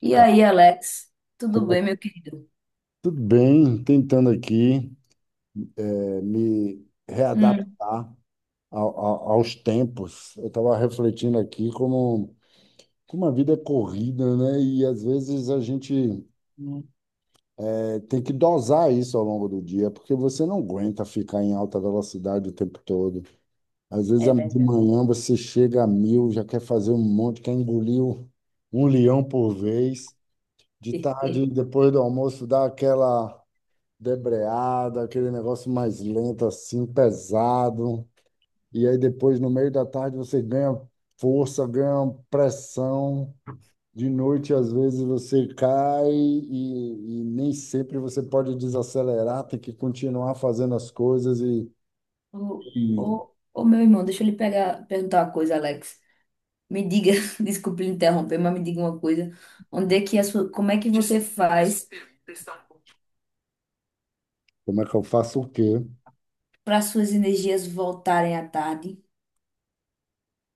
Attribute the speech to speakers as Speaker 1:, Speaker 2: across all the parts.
Speaker 1: E
Speaker 2: Tá.
Speaker 1: aí, Alex? Tudo
Speaker 2: Como é
Speaker 1: bem,
Speaker 2: que-
Speaker 1: meu querido?
Speaker 2: Tudo bem, tentando aqui me
Speaker 1: Hum,
Speaker 2: readaptar aos tempos. Eu estava refletindo aqui como a vida é corrida, né? E às vezes a gente
Speaker 1: hum,
Speaker 2: tem que dosar isso ao longo do dia, porque você não aguenta ficar em alta velocidade o tempo todo. Às vezes
Speaker 1: é
Speaker 2: de
Speaker 1: verdade.
Speaker 2: manhã você chega a mil, já quer fazer um monte, quer engolir um leão por vez. De tarde, depois do almoço, dá aquela debreada, aquele negócio mais lento assim, pesado. E aí depois, no meio da tarde, você ganha força, ganha pressão. De noite, às vezes, você cai e nem sempre você pode desacelerar, tem que continuar fazendo as coisas e,
Speaker 1: O,
Speaker 2: e
Speaker 1: o meu irmão, deixa eu lhe pegar, perguntar uma coisa, Alex. Me diga, desculpe lhe interromper, mas me diga uma coisa. Onde é que a sua, como é que você faz
Speaker 2: como é que eu faço o quê?
Speaker 1: para suas energias voltarem à tarde?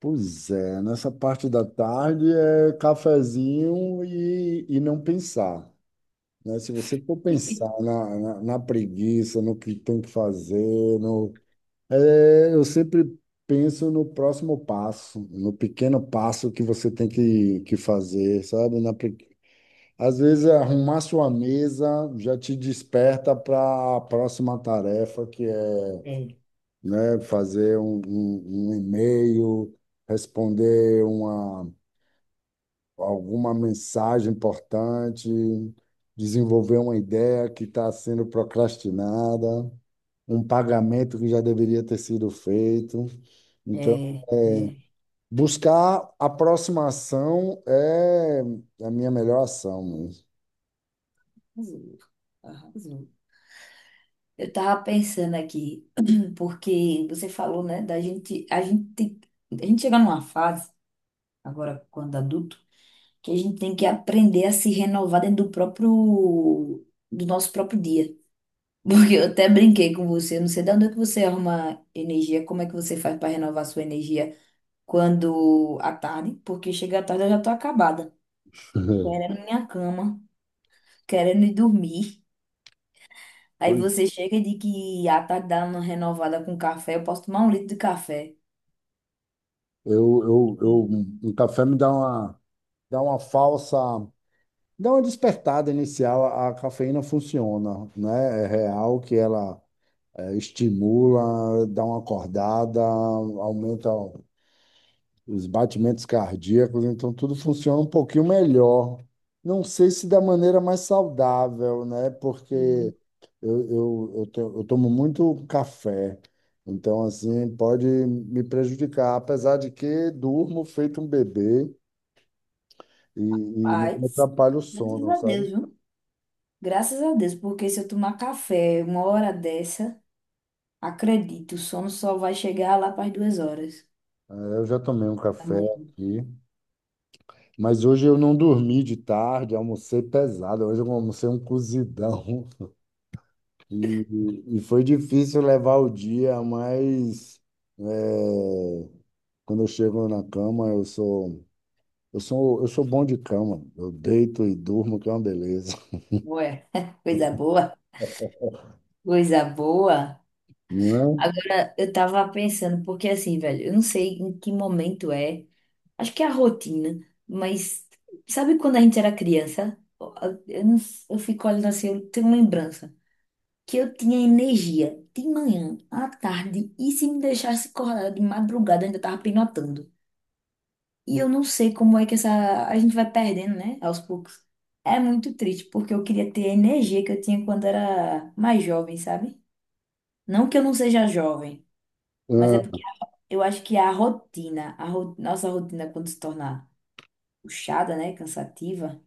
Speaker 2: Pois é, nessa parte da tarde é cafezinho e não pensar, né? Se você for pensar na preguiça, no que tem que fazer, no, é, eu sempre penso no próximo passo, no pequeno passo que você tem que fazer, sabe? Às vezes, arrumar sua mesa já te desperta para a próxima tarefa, que é,
Speaker 1: É,
Speaker 2: né, fazer um e-mail, responder uma alguma mensagem importante, desenvolver uma ideia que está sendo procrastinada, um pagamento que já deveria ter sido feito. Então,
Speaker 1: é, é.
Speaker 2: buscar aproximação é a minha melhor ação mesmo.
Speaker 1: Arrasou, arrasou. Eu tava pensando aqui, porque você falou, né, da gente, a gente, a gente chega numa fase agora quando adulto, que a gente tem que aprender a se renovar dentro do próprio, do nosso próprio dia. Porque eu até brinquei com você, eu não sei de onde é que você arruma energia, como é que você faz para renovar sua energia quando à tarde, porque chega à tarde eu já tô acabada, querendo minha cama, querendo ir dormir. Aí
Speaker 2: Ui,
Speaker 1: você chega e diz que à tarde dá uma renovada com café, eu posso tomar um litro de café.
Speaker 2: Eu, eu, eu, o café me dá dá dá uma despertada inicial. A cafeína funciona, né? É real que ela estimula, dá uma acordada, aumenta os batimentos cardíacos, então tudo funciona um pouquinho melhor. Não sei se da maneira mais saudável, né? Porque
Speaker 1: Uhum.
Speaker 2: eu tomo muito café, então assim pode me prejudicar, apesar de que durmo feito um bebê e não me
Speaker 1: Paz,
Speaker 2: atrapalha o
Speaker 1: graças
Speaker 2: sono,
Speaker 1: a
Speaker 2: sabe?
Speaker 1: Deus, viu? Graças a Deus, porque se eu tomar café uma hora dessa acredito, o sono só vai chegar lá para as duas horas
Speaker 2: É. Eu já tomei um
Speaker 1: da
Speaker 2: café
Speaker 1: manhã.
Speaker 2: aqui. Mas hoje eu não dormi de tarde, almocei pesado. Hoje eu almocei um cozidão e foi difícil levar o dia, mas é, quando eu chego na cama, eu sou bom de cama. Eu deito e durmo, que é uma beleza,
Speaker 1: Ué, coisa boa, coisa boa.
Speaker 2: não é?
Speaker 1: Agora, eu tava pensando, porque assim, velho, eu não sei em que momento é, acho que é a rotina, mas sabe quando a gente era criança? Eu, não, eu fico olhando assim, eu tenho lembrança que eu tinha energia de manhã, à tarde, e se me deixasse acordar de madrugada, eu ainda tava pinotando. E eu não sei como é que essa a gente vai perdendo, né, aos poucos. É muito triste, porque eu queria ter a energia que eu tinha quando era mais jovem, sabe? Não que eu não seja jovem, mas é
Speaker 2: Ah,
Speaker 1: porque eu acho que a rotina, nossa rotina quando se torna puxada, né, cansativa,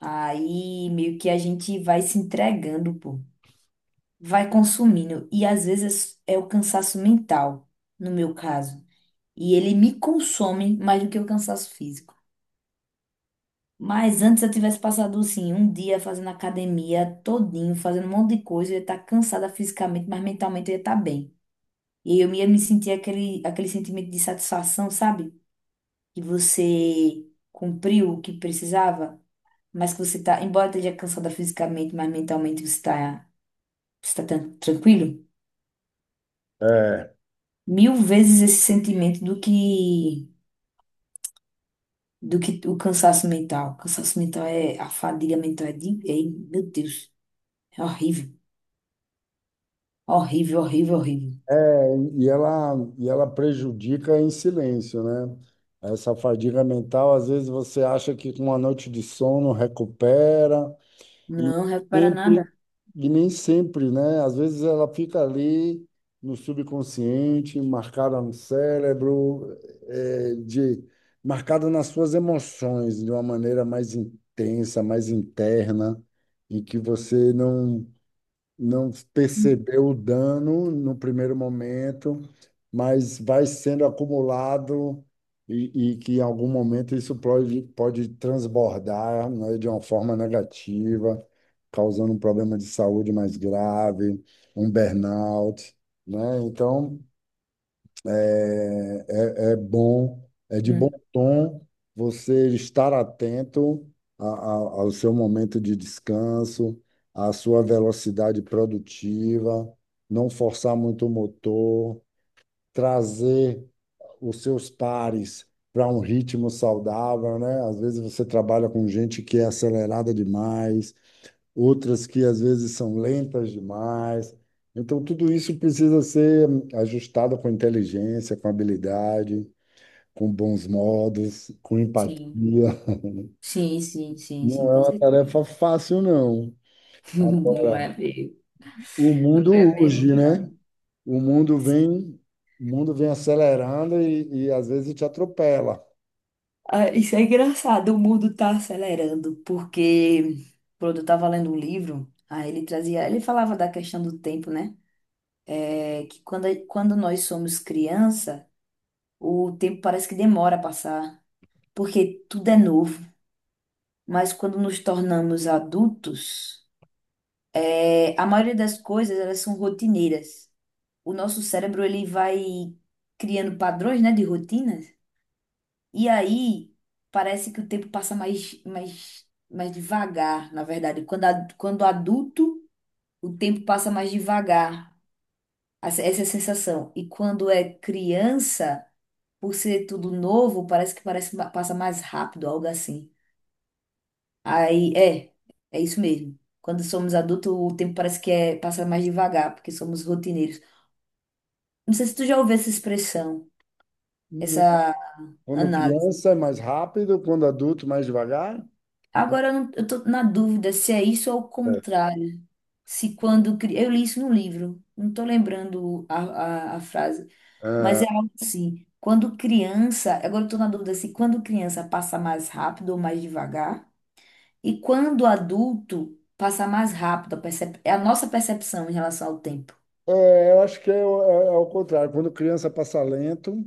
Speaker 1: aí meio que a gente vai se entregando, pô, vai consumindo e às vezes é o cansaço mental, no meu caso, e ele me consome mais do que o cansaço físico. Mas antes eu tivesse passado, assim, um dia fazendo academia todinho, fazendo um monte de coisa, eu ia estar cansada fisicamente, mas mentalmente eu ia estar bem. E eu ia me sentir aquele, aquele sentimento de satisfação, sabe? Que você cumpriu o que precisava, mas que você tá, embora esteja cansada fisicamente, mas mentalmente você está você tá tranquilo.
Speaker 2: é.
Speaker 1: Mil vezes esse sentimento do que o cansaço mental. O cansaço mental é, a fadiga mental é, de, é, meu Deus, é horrível, horrível, horrível, horrível.
Speaker 2: E ela prejudica em silêncio, né? Essa fadiga mental, às vezes você acha que com uma noite de sono recupera, e
Speaker 1: Não, repara
Speaker 2: sempre,
Speaker 1: nada.
Speaker 2: e nem sempre, né? Às vezes ela fica ali no subconsciente, marcada no cérebro, é, de, marcada nas suas emoções de uma maneira mais intensa, mais interna, e que você não percebeu o dano no primeiro momento, mas vai sendo acumulado e que em algum momento isso pode transbordar, né, de uma forma negativa, causando um problema de saúde mais grave, um burnout, né? Então, é, é bom, é de bom
Speaker 1: Uhum.
Speaker 2: tom você estar atento a- a- ao seu momento de descanso, à sua velocidade produtiva, não forçar muito o motor, trazer os seus pares para um ritmo saudável, né? Às vezes você trabalha com gente que é acelerada demais, outras que às vezes são lentas demais. Então, tudo isso precisa ser ajustado com inteligência, com habilidade, com bons modos, com empatia.
Speaker 1: Sim, sim, sim, sim, sim,
Speaker 2: Não é
Speaker 1: com
Speaker 2: uma
Speaker 1: certeza.
Speaker 2: tarefa fácil, não.
Speaker 1: Não
Speaker 2: Agora,
Speaker 1: é mesmo,
Speaker 2: o
Speaker 1: não
Speaker 2: mundo
Speaker 1: é mesmo,
Speaker 2: urge, né?
Speaker 1: não.
Speaker 2: O mundo vem, o mundo vem acelerando e às vezes te atropela.
Speaker 1: Ah, isso é engraçado, o mundo tá acelerando, porque quando eu tava lendo um livro, aí ele trazia, ele falava da questão do tempo, né? É que quando, quando nós somos criança, o tempo parece que demora a passar, porque tudo é novo. Mas quando nos tornamos adultos, é, a maioria das coisas, elas são rotineiras. O nosso cérebro ele vai criando padrões, né, de rotinas. E aí parece que o tempo passa mais devagar, na verdade. Quando adulto, o tempo passa mais devagar. Essa é a sensação. E quando é criança, por ser tudo novo, parece que passa mais rápido, algo assim. Aí é, é isso mesmo. Quando somos adultos, o tempo parece que é, passa mais devagar, porque somos rotineiros. Não sei se tu já ouviu essa expressão, essa
Speaker 2: Quando
Speaker 1: análise.
Speaker 2: criança é mais rápido, quando adulto mais devagar.
Speaker 1: Agora eu, não, eu tô na dúvida se é isso ou o
Speaker 2: É,
Speaker 1: contrário. Se quando. Cri- Eu li isso no livro, não tô lembrando a frase, mas é algo assim. Quando criança. Agora eu tô na dúvida se quando criança passa mais rápido ou mais devagar. E quando adulto passa mais rápido. É a nossa percepção em relação ao tempo.
Speaker 2: Eu acho que é, é o contrário. Quando criança passa lento,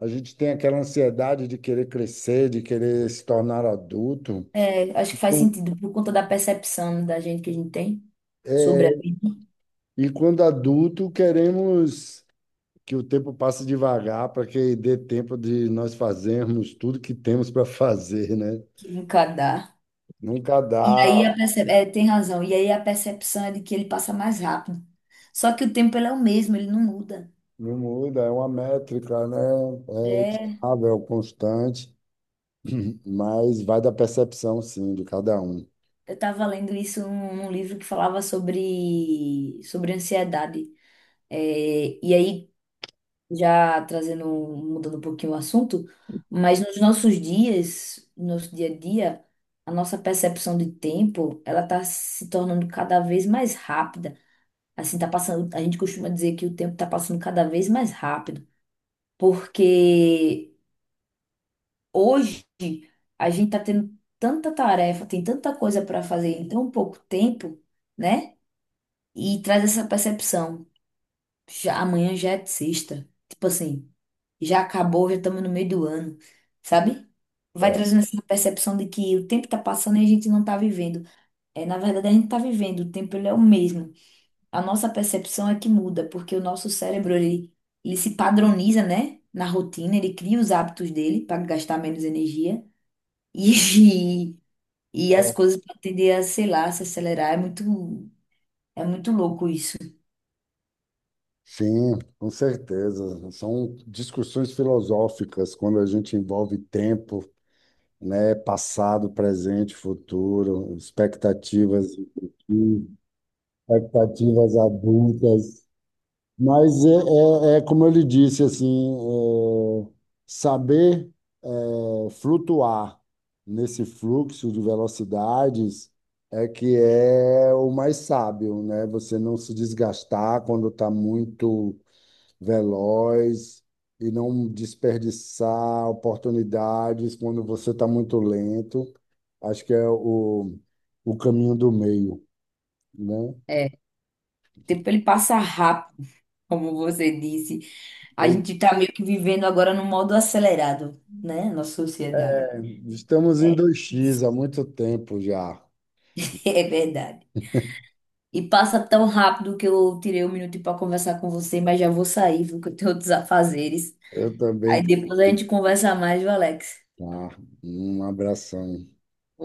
Speaker 2: a gente tem aquela ansiedade de querer crescer, de querer se tornar adulto.
Speaker 1: É, acho que faz sentido por conta da percepção da gente que a gente tem sobre a vida
Speaker 2: E quando adulto, queremos que o tempo passe devagar para que dê tempo de nós fazermos tudo que temos para fazer, né?
Speaker 1: que encadar.
Speaker 2: Nunca
Speaker 1: E aí
Speaker 2: dá,
Speaker 1: a é, tem razão. E aí a percepção é de que ele passa mais rápido. Só que o tempo ele é o mesmo, ele não muda.
Speaker 2: não muda, é uma métrica, né? É
Speaker 1: É,
Speaker 2: estável, constante, mas vai da percepção, sim, de cada um.
Speaker 1: eu estava lendo isso num livro que falava sobre ansiedade. É, e aí, já trazendo, mudando um pouquinho o assunto, mas nos nossos dias, no nosso dia a dia, a nossa percepção de tempo, ela está se tornando cada vez mais rápida. Assim, tá passando, a gente costuma dizer que o tempo está passando cada vez mais rápido, porque hoje a gente tá tendo tanta tarefa, tem tanta coisa para fazer em tão pouco tempo, né? E traz essa percepção. Já, amanhã já é sexta. Tipo assim, já acabou, já estamos no meio do ano, sabe? Vai
Speaker 2: É,
Speaker 1: trazendo essa percepção de que o tempo tá passando e a gente não tá vivendo. É, na verdade, a gente tá vivendo, o tempo ele é o mesmo. A nossa percepção é que muda, porque o nosso cérebro, ele se padroniza, né, na rotina, ele cria os hábitos dele para gastar menos energia e, e as coisas para tender a, sei lá, se acelerar. É muito louco isso.
Speaker 2: sim, com certeza. São discussões filosóficas quando a gente envolve tempo, né? Passado, presente, futuro, expectativas, expectativas adultas. Mas é como eu lhe disse, assim, é, saber, flutuar nesse fluxo de velocidades é que é o mais sábio, né? Você não se desgastar quando está muito veloz e não desperdiçar oportunidades quando você está muito lento. Acho que é o caminho do meio, né?
Speaker 1: É, o tempo ele passa rápido, como você disse. A
Speaker 2: Pois
Speaker 1: gente tá meio que vivendo agora no modo acelerado, né, nossa sociedade.
Speaker 2: é, estamos em
Speaker 1: É
Speaker 2: dois
Speaker 1: isso,
Speaker 2: x há muito tempo já.
Speaker 1: é verdade. E passa tão rápido que eu tirei um minuto para conversar com você, mas já vou sair, viu, que eu tenho outros afazeres.
Speaker 2: Eu também
Speaker 1: Aí
Speaker 2: tenho
Speaker 1: depois a
Speaker 2: que ir.
Speaker 1: gente conversa mais, viu, Alex?
Speaker 2: Tá. Um abração.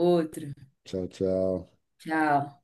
Speaker 1: Outro.
Speaker 2: Tchau, tchau.
Speaker 1: Tchau.